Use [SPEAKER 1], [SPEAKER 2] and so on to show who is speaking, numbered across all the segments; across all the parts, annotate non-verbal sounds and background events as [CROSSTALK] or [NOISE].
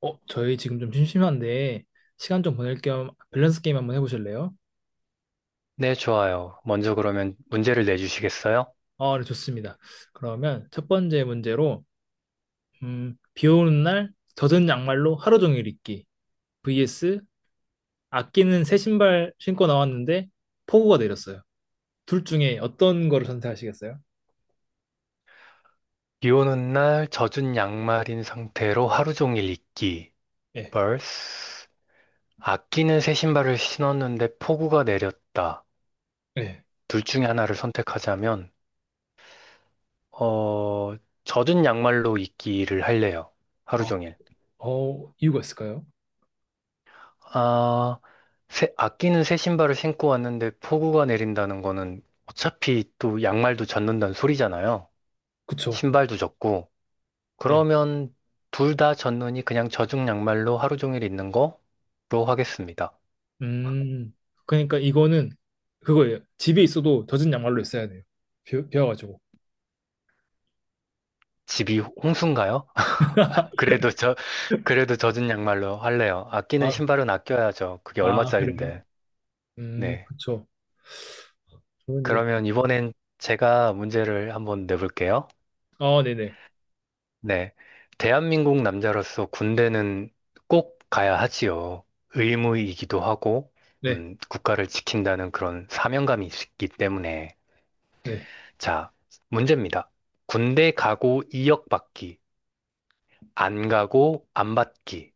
[SPEAKER 1] 저희 지금 좀 심심한데 시간 좀 보낼 겸 밸런스 게임 한번 해보실래요?
[SPEAKER 2] 네, 좋아요. 먼저 그러면 문제를 내주시겠어요?
[SPEAKER 1] 아, 네, 좋습니다. 그러면 첫 번째 문제로 비 오는 날 젖은 양말로 하루 종일 입기 vs 아끼는 새 신발 신고 나왔는데 폭우가 내렸어요. 둘 중에 어떤 거를 선택하시겠어요?
[SPEAKER 2] 비 오는 날 젖은 양말인 상태로 하루 종일 있기.
[SPEAKER 1] 예,
[SPEAKER 2] vs 아끼는 새 신발을 신었는데 폭우가 내렸다.
[SPEAKER 1] 예.
[SPEAKER 2] 둘 중에 하나를 선택하자면, 어, 젖은 양말로 있기를 할래요. 하루
[SPEAKER 1] 아,
[SPEAKER 2] 종일.
[SPEAKER 1] 이유가 있을까요?
[SPEAKER 2] 아, 아끼는 새 신발을 신고 왔는데 폭우가 내린다는 거는 어차피 또 양말도 젖는다는 소리잖아요.
[SPEAKER 1] 그쵸.
[SPEAKER 2] 신발도 젖고.
[SPEAKER 1] 예.
[SPEAKER 2] 그러면 둘 다 젖는이 그냥 젖은 양말로 하루 종일 있는 거로 하겠습니다.
[SPEAKER 1] 음, 그러니까 이거는 그거예요. 집에 있어도 젖은 양말로 있어야 돼요. 비와가지고.
[SPEAKER 2] 집이 홍수인가요? [LAUGHS]
[SPEAKER 1] [LAUGHS]
[SPEAKER 2] 그래도 저, 그래도 젖은 양말로 할래요. 아끼는
[SPEAKER 1] 아,
[SPEAKER 2] 신발은 아껴야죠. 그게
[SPEAKER 1] 아, 그래요?
[SPEAKER 2] 얼마짜린데. 네.
[SPEAKER 1] 그쵸. 저는 이게,
[SPEAKER 2] 그러면 이번엔 제가 문제를 한번 내볼게요.
[SPEAKER 1] 아, 네네.
[SPEAKER 2] 네. 대한민국 남자로서 군대는 꼭 가야 하지요. 의무이기도 하고,
[SPEAKER 1] 네,
[SPEAKER 2] 국가를 지킨다는 그런 사명감이 있기 때문에.
[SPEAKER 1] 네.
[SPEAKER 2] 자, 문제입니다. 군대 가고 2억 받기, 안 가고 안 받기.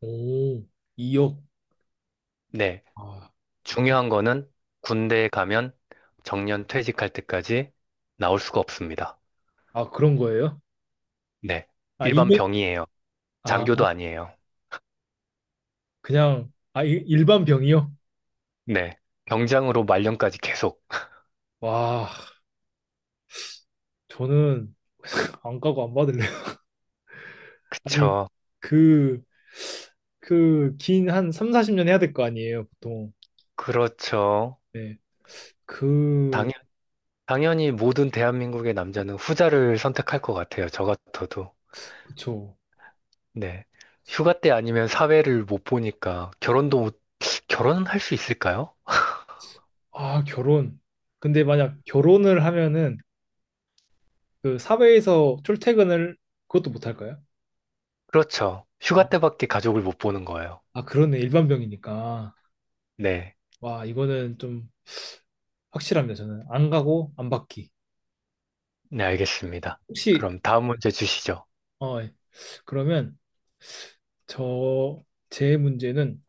[SPEAKER 1] 오, 2억.
[SPEAKER 2] 네,
[SPEAKER 1] 아,
[SPEAKER 2] 중요한 거는 군대에 가면 정년 퇴직할 때까지 나올 수가 없습니다.
[SPEAKER 1] 아, 그런 거예요?
[SPEAKER 2] 네,
[SPEAKER 1] 아, 이
[SPEAKER 2] 일반
[SPEAKER 1] 년
[SPEAKER 2] 병이에요.
[SPEAKER 1] 아,
[SPEAKER 2] 장교도 아니에요.
[SPEAKER 1] 그냥, 아, 일반 병이요?
[SPEAKER 2] 네, 병장으로 말년까지 계속.
[SPEAKER 1] 와, 저는 안 가고 안 받을래요. [LAUGHS] 아니,
[SPEAKER 2] 그쵸,
[SPEAKER 1] 그, 긴 한 3, 40년 해야 될 거 아니에요, 보통.
[SPEAKER 2] 그렇죠.
[SPEAKER 1] 네. 그,
[SPEAKER 2] 당연, 당연히 모든 대한민국의 남자는 후자를 선택할 것 같아요. 저 같아도.
[SPEAKER 1] 그쵸.
[SPEAKER 2] 네. 휴가 때 아니면 사회를 못 보니까 결혼도 못, 결혼은 할 수 있을까요?
[SPEAKER 1] 아, 결혼. 근데 만약 결혼을 하면은, 사회에서 출퇴근을, 그것도 못 할까요?
[SPEAKER 2] 그렇죠. 휴가 때밖에 가족을 못 보는 거예요.
[SPEAKER 1] 아, 그러네. 일반병이니까.
[SPEAKER 2] 네.
[SPEAKER 1] 와, 이거는 좀 확실합니다. 저는 안 가고 안 받기.
[SPEAKER 2] 네, 알겠습니다.
[SPEAKER 1] 혹시,
[SPEAKER 2] 그럼 다음 문제 주시죠.
[SPEAKER 1] 예. 그러면 저, 제 문제는,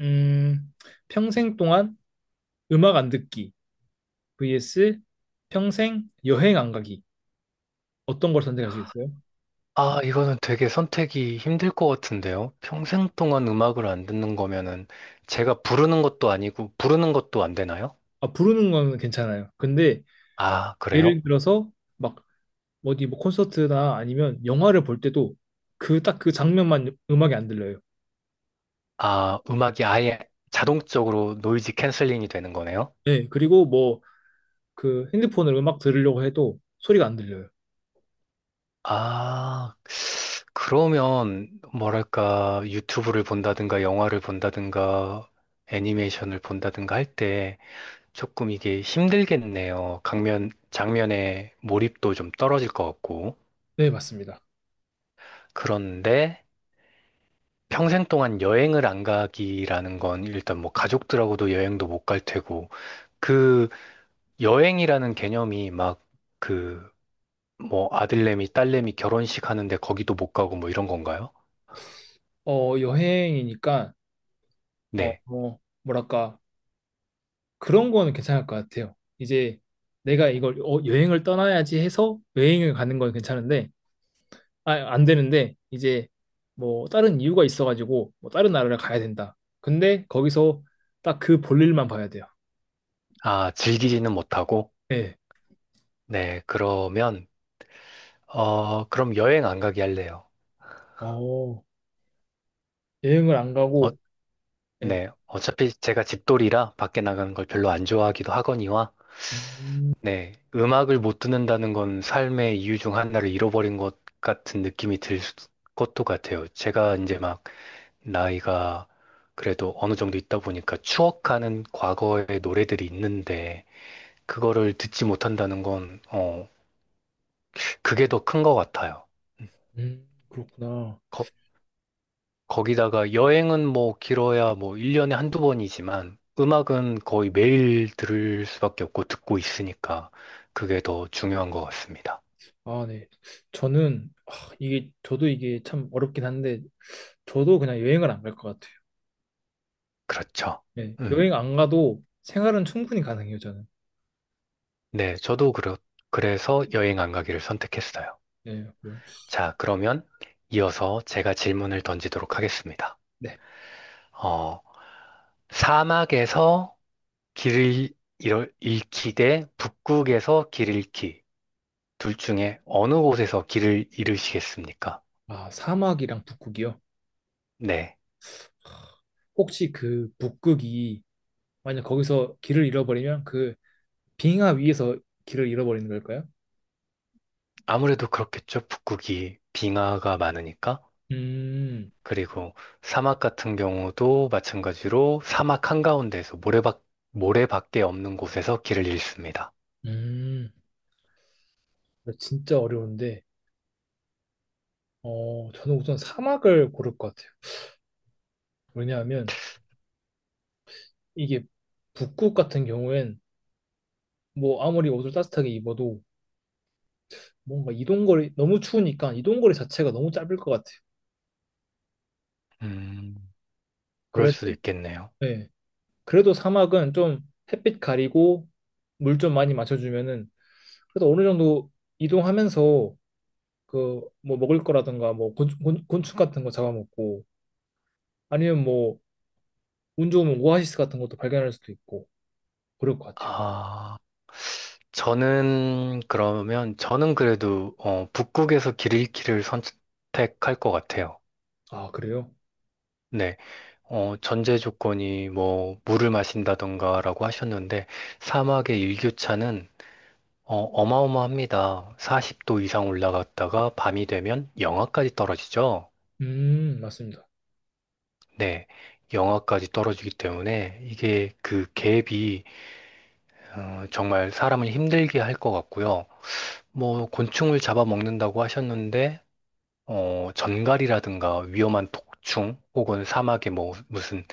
[SPEAKER 1] 음, 평생 동안 음악 안 듣기 vs 평생 여행 안 가기. 어떤 걸 선택하시겠어요?
[SPEAKER 2] 아, 이거는 되게 선택이 힘들 것 같은데요. 평생 동안 음악을 안 듣는 거면은 제가 부르는 것도 아니고 부르는 것도 안 되나요?
[SPEAKER 1] 아, 부르는 거는 괜찮아요. 근데
[SPEAKER 2] 아, 그래요?
[SPEAKER 1] 예를 들어서 막 어디 뭐 콘서트나 아니면 영화를 볼 때도 그 딱 그 장면만 음악이 안 들려요.
[SPEAKER 2] 아, 음악이 아예 자동적으로 노이즈 캔슬링이 되는 거네요?
[SPEAKER 1] 네, 그리고 뭐 그 핸드폰으로 음악 들으려고 해도 소리가 안 들려요.
[SPEAKER 2] 아, 그러면 뭐랄까 유튜브를 본다든가 영화를 본다든가 애니메이션을 본다든가 할 때 조금 이게 힘들겠네요. 강면 장면에 몰입도 좀 떨어질 것 같고.
[SPEAKER 1] 네, 맞습니다.
[SPEAKER 2] 그런데 평생 동안 여행을 안 가기라는 건 일단 뭐 가족들하고도 여행도 못 갈 테고 그 여행이라는 개념이 막 그 뭐 아들내미 딸내미 결혼식 하는데 거기도 못 가고 뭐 이런 건가요?
[SPEAKER 1] 여행이니까,
[SPEAKER 2] 네.
[SPEAKER 1] 뭐, 뭐랄까, 그런 거는 괜찮을 것 같아요. 이제 내가 이걸 여행을 떠나야지 해서 여행을 가는 건 괜찮은데, 아, 안 되는데, 이제 뭐, 다른 이유가 있어가지고, 뭐, 다른 나라를 가야 된다. 근데 거기서 딱 그 볼일만 봐야 돼요.
[SPEAKER 2] 아, 즐기지는 못하고
[SPEAKER 1] 네.
[SPEAKER 2] 네, 그러면, 그럼 여행 안 가게 할래요.
[SPEAKER 1] 어, 여행을 안
[SPEAKER 2] 어,
[SPEAKER 1] 가고, 네.
[SPEAKER 2] 네. 어차피 제가 집돌이라 밖에 나가는 걸 별로 안 좋아하기도 하거니와,
[SPEAKER 1] 음,
[SPEAKER 2] 네. 음악을 못 듣는다는 건 삶의 이유 중 하나를 잃어버린 것 같은 느낌이 것도 같아요. 제가 이제 막 나이가 그래도 어느 정도 있다 보니까 추억하는 과거의 노래들이 있는데, 그거를 듣지 못한다는 건, 어, 그게 더 큰 것 같아요. 음,
[SPEAKER 1] 그렇구나.
[SPEAKER 2] 거- 거기다가 여행은 뭐 길어야 뭐 1년에 한두 번이지만 음악은 거의 매일 들을 수밖에 없고 듣고 있으니까 그게 더 중요한 것 같습니다.
[SPEAKER 1] 아, 네. 저는 이게 저도 이게 참 어렵긴 한데 저도 그냥 여행을 안 갈 것 같아요.
[SPEAKER 2] 그렇죠.
[SPEAKER 1] 네.
[SPEAKER 2] 음.
[SPEAKER 1] 여행 안 가도 생활은 충분히 가능해요, 저는.
[SPEAKER 2] 네, 그래서 여행 안 가기를 선택했어요.
[SPEAKER 1] 네. 그럼.
[SPEAKER 2] 자, 그러면 이어서 제가 질문을 던지도록 하겠습니다.
[SPEAKER 1] 네.
[SPEAKER 2] 어, 사막에서 길을 잃기 대 북극에서 길 잃기. 둘 중에 어느 곳에서 길을 잃으시겠습니까?
[SPEAKER 1] 아, 사막이랑 북극이요.
[SPEAKER 2] 네.
[SPEAKER 1] 혹시 그 북극이 만약 거기서 길을 잃어버리면 그 빙하 위에서 길을 잃어버리는 걸까요?
[SPEAKER 2] 아무래도 그렇겠죠. 북극이 빙하가 많으니까.
[SPEAKER 1] 음.
[SPEAKER 2] 그리고 사막 같은 경우도 마찬가지로 사막 한가운데에서 모래밖에 없는 곳에서 길을 잃습니다.
[SPEAKER 1] 음. 아, 진짜 어려운데. 저는 우선 사막을 고를 것 같아요. 왜냐하면 이게 북극 같은 경우엔 뭐 아무리 옷을 따뜻하게 입어도 뭔가 이동거리 너무 추우니까 이동거리 자체가 너무 짧을 것 같아요.
[SPEAKER 2] 음, 그럴
[SPEAKER 1] 그래도
[SPEAKER 2] 수도 있겠네요.
[SPEAKER 1] 네. 그래도 사막은 좀 햇빛 가리고 물 좀 많이 마셔주면은 그래도 어느 정도 이동하면서 그 뭐 먹을 거라든가 뭐 곤충 같은 거 잡아먹고 아니면 뭐 운 좋으면 오아시스 같은 것도 발견할 수도 있고 그럴 것 같아요.
[SPEAKER 2] 아, 저는 그래도, 어, 북극에서 길 잃기를 선택할 것 같아요.
[SPEAKER 1] 아 그래요?
[SPEAKER 2] 네, 어, 전제 조건이 뭐, 물을 마신다던가라고 하셨는데, 사막의 일교차는 어마어마합니다. 40도 이상 올라갔다가 밤이 되면 영하까지 떨어지죠.
[SPEAKER 1] 맞습니다.
[SPEAKER 2] 네, 영하까지 떨어지기 때문에 이게 그 갭이 정말 사람을 힘들게 할 것 같고요. 뭐 곤충을 잡아먹는다고 하셨는데 전갈이라든가 위험한 독충 혹은 사막에 뭐 무슨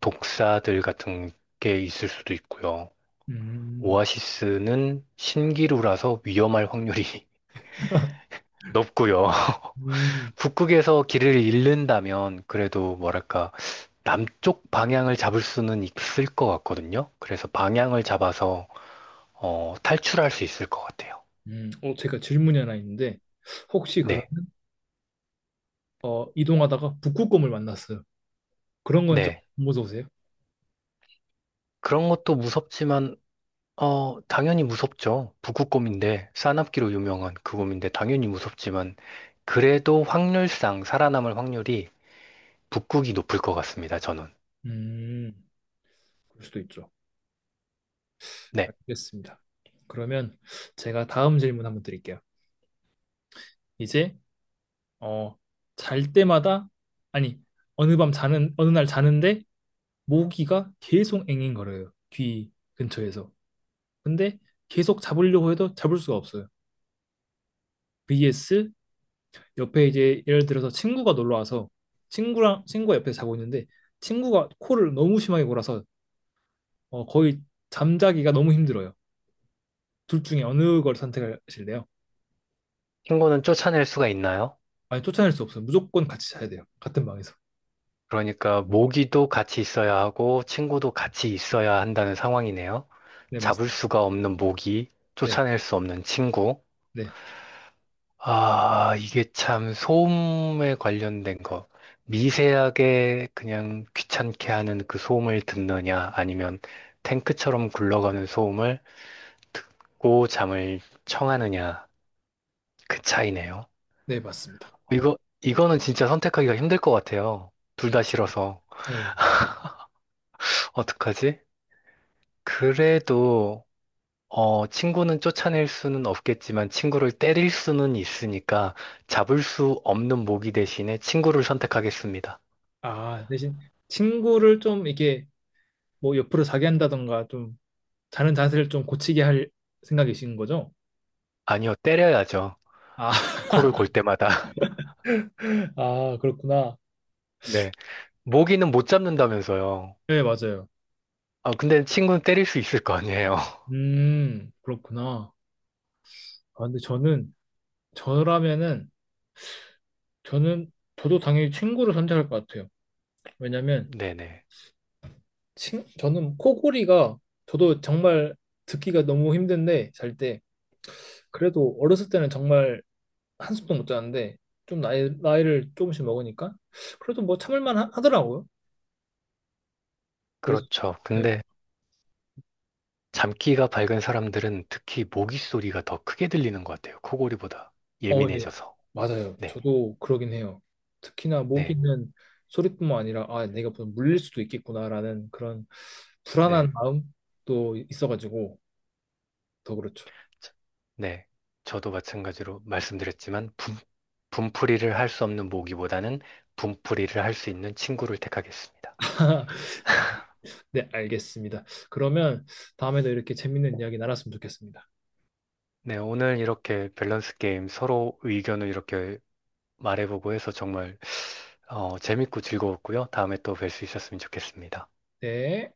[SPEAKER 2] 독사들 같은 게 있을 수도 있고요.
[SPEAKER 1] 음,
[SPEAKER 2] 오아시스는 신기루라서 위험할 확률이 [LAUGHS] 높고요. [LAUGHS]
[SPEAKER 1] 음,
[SPEAKER 2] 북극에서 길을 잃는다면 그래도 뭐랄까 남쪽 방향을 잡을 수는 있을 것 같거든요. 그래서 방향을 잡아서 탈출할 수 있을 것 같아요.
[SPEAKER 1] 제가 질문이 하나 있는데 혹시
[SPEAKER 2] 네,
[SPEAKER 1] 그러면 이동하다가 북극곰을 만났어요. 그런 건 좀
[SPEAKER 2] 네.
[SPEAKER 1] 무서우세요?
[SPEAKER 2] 그런 것도 무섭지만 어, 당연히 무섭죠. 북극곰인데 싸납기로 유명한 그 곰인데 당연히 무섭지만 그래도 확률상 살아남을 확률이 북극이 높을 것 같습니다. 저는.
[SPEAKER 1] 음, 그럴 수도 있죠.
[SPEAKER 2] 네.
[SPEAKER 1] 알겠습니다. 그러면 제가 다음 질문 한번 드릴게요. 이제 어, 잘 때마다 아니 어느 날 자는데 모기가 계속 앵앵거려요. 귀 근처에서. 근데 계속 잡으려고 해도 잡을 수가 없어요. vs 옆에 이제 예를 들어서 친구가 놀러 와서 친구랑 친구가 옆에 자고 있는데 친구가 코를 너무 심하게 골아서 거의 잠자기가 너무 힘들어요. 둘 중에 어느 걸 선택하실래요?
[SPEAKER 2] 친구는 쫓아낼 수가 있나요?
[SPEAKER 1] 아니, 쫓아낼 수 없어요. 무조건 같이 자야 돼요. 같은 방에서.
[SPEAKER 2] 그러니까 모기도 같이 있어야 하고 친구도 같이 있어야 한다는 상황이네요.
[SPEAKER 1] 네,
[SPEAKER 2] 잡을
[SPEAKER 1] 맞습니다.
[SPEAKER 2] 수가 없는 모기,
[SPEAKER 1] 네,
[SPEAKER 2] 쫓아낼 수 없는 친구.
[SPEAKER 1] 네,
[SPEAKER 2] 아, 이게 참 소음에 관련된 거. 미세하게 그냥 귀찮게 하는 그 소음을 듣느냐, 아니면 탱크처럼 굴러가는 소음을 듣고 잠을 청하느냐, 그 차이네요.
[SPEAKER 1] 네, 맞습니다.
[SPEAKER 2] 이거, 이거는 진짜 선택하기가 힘들 것 같아요. 둘 다 싫어서.
[SPEAKER 1] 네.
[SPEAKER 2] 어떡하지? 그래도 친구는 쫓아낼 수는 없겠지만 친구를 때릴 수는 있으니까 잡을 수 없는 모기 대신에 친구를 선택하겠습니다.
[SPEAKER 1] 아, 대신 친구를 좀 이게 뭐 옆으로 자게 한다던가 좀 자는 자세를 좀 고치게 할 생각이신 거죠?
[SPEAKER 2] 아니요, 때려야죠.
[SPEAKER 1] 아,
[SPEAKER 2] 코를 골 때마다. [LAUGHS]
[SPEAKER 1] [LAUGHS] 아, 그렇구나.
[SPEAKER 2] 네. 모기는 못 잡는다면서요.
[SPEAKER 1] 네, 맞아요.
[SPEAKER 2] 아, 근데 친구는 때릴 수 있을 거 아니에요. [LAUGHS]
[SPEAKER 1] 그렇구나. 아, 근데 저는, 저라면은, 저도 당연히 친구를 선택할 것 같아요. 왜냐면,
[SPEAKER 2] 네네.
[SPEAKER 1] 저는 코골이가 저도 정말 듣기가 너무 힘든데 잘 때 그래도 어렸을 때는 정말 한숨도 못 자는데 좀 나이를 조금씩 먹으니까 그래도 뭐 참을만 하더라고요. 그래서
[SPEAKER 2] 그렇죠.
[SPEAKER 1] 네.
[SPEAKER 2] 근데 잠귀가 밝은 사람들은 특히 모기 소리가 더 크게 들리는 것 같아요. 코골이보다
[SPEAKER 1] 네.
[SPEAKER 2] 예민해져서.
[SPEAKER 1] 맞아요.
[SPEAKER 2] 네.
[SPEAKER 1] 저도 그러긴 해요. 특히나 목
[SPEAKER 2] 네.
[SPEAKER 1] 있는 소리뿐만 아니라 아 내가 무슨 물릴 수도 있겠구나라는 그런
[SPEAKER 2] 네.
[SPEAKER 1] 불안한 마음도 있어가지고 더 그렇죠.
[SPEAKER 2] 네, 저도 마찬가지로 말씀드렸지만 분풀이를 할 수 없는 모기보다는 분풀이를 할 수 있는 친구를 택하겠습니다.
[SPEAKER 1] [LAUGHS] 네, 알겠습니다. 그러면 다음에도 이렇게 재밌는 이야기 나눴으면 좋겠습니다.
[SPEAKER 2] 네, 오늘 이렇게 밸런스 게임 서로 의견을 이렇게 말해보고 해서 정말 재밌고 즐거웠고요. 다음에 또 뵐 수 있었으면 좋겠습니다.
[SPEAKER 1] 네.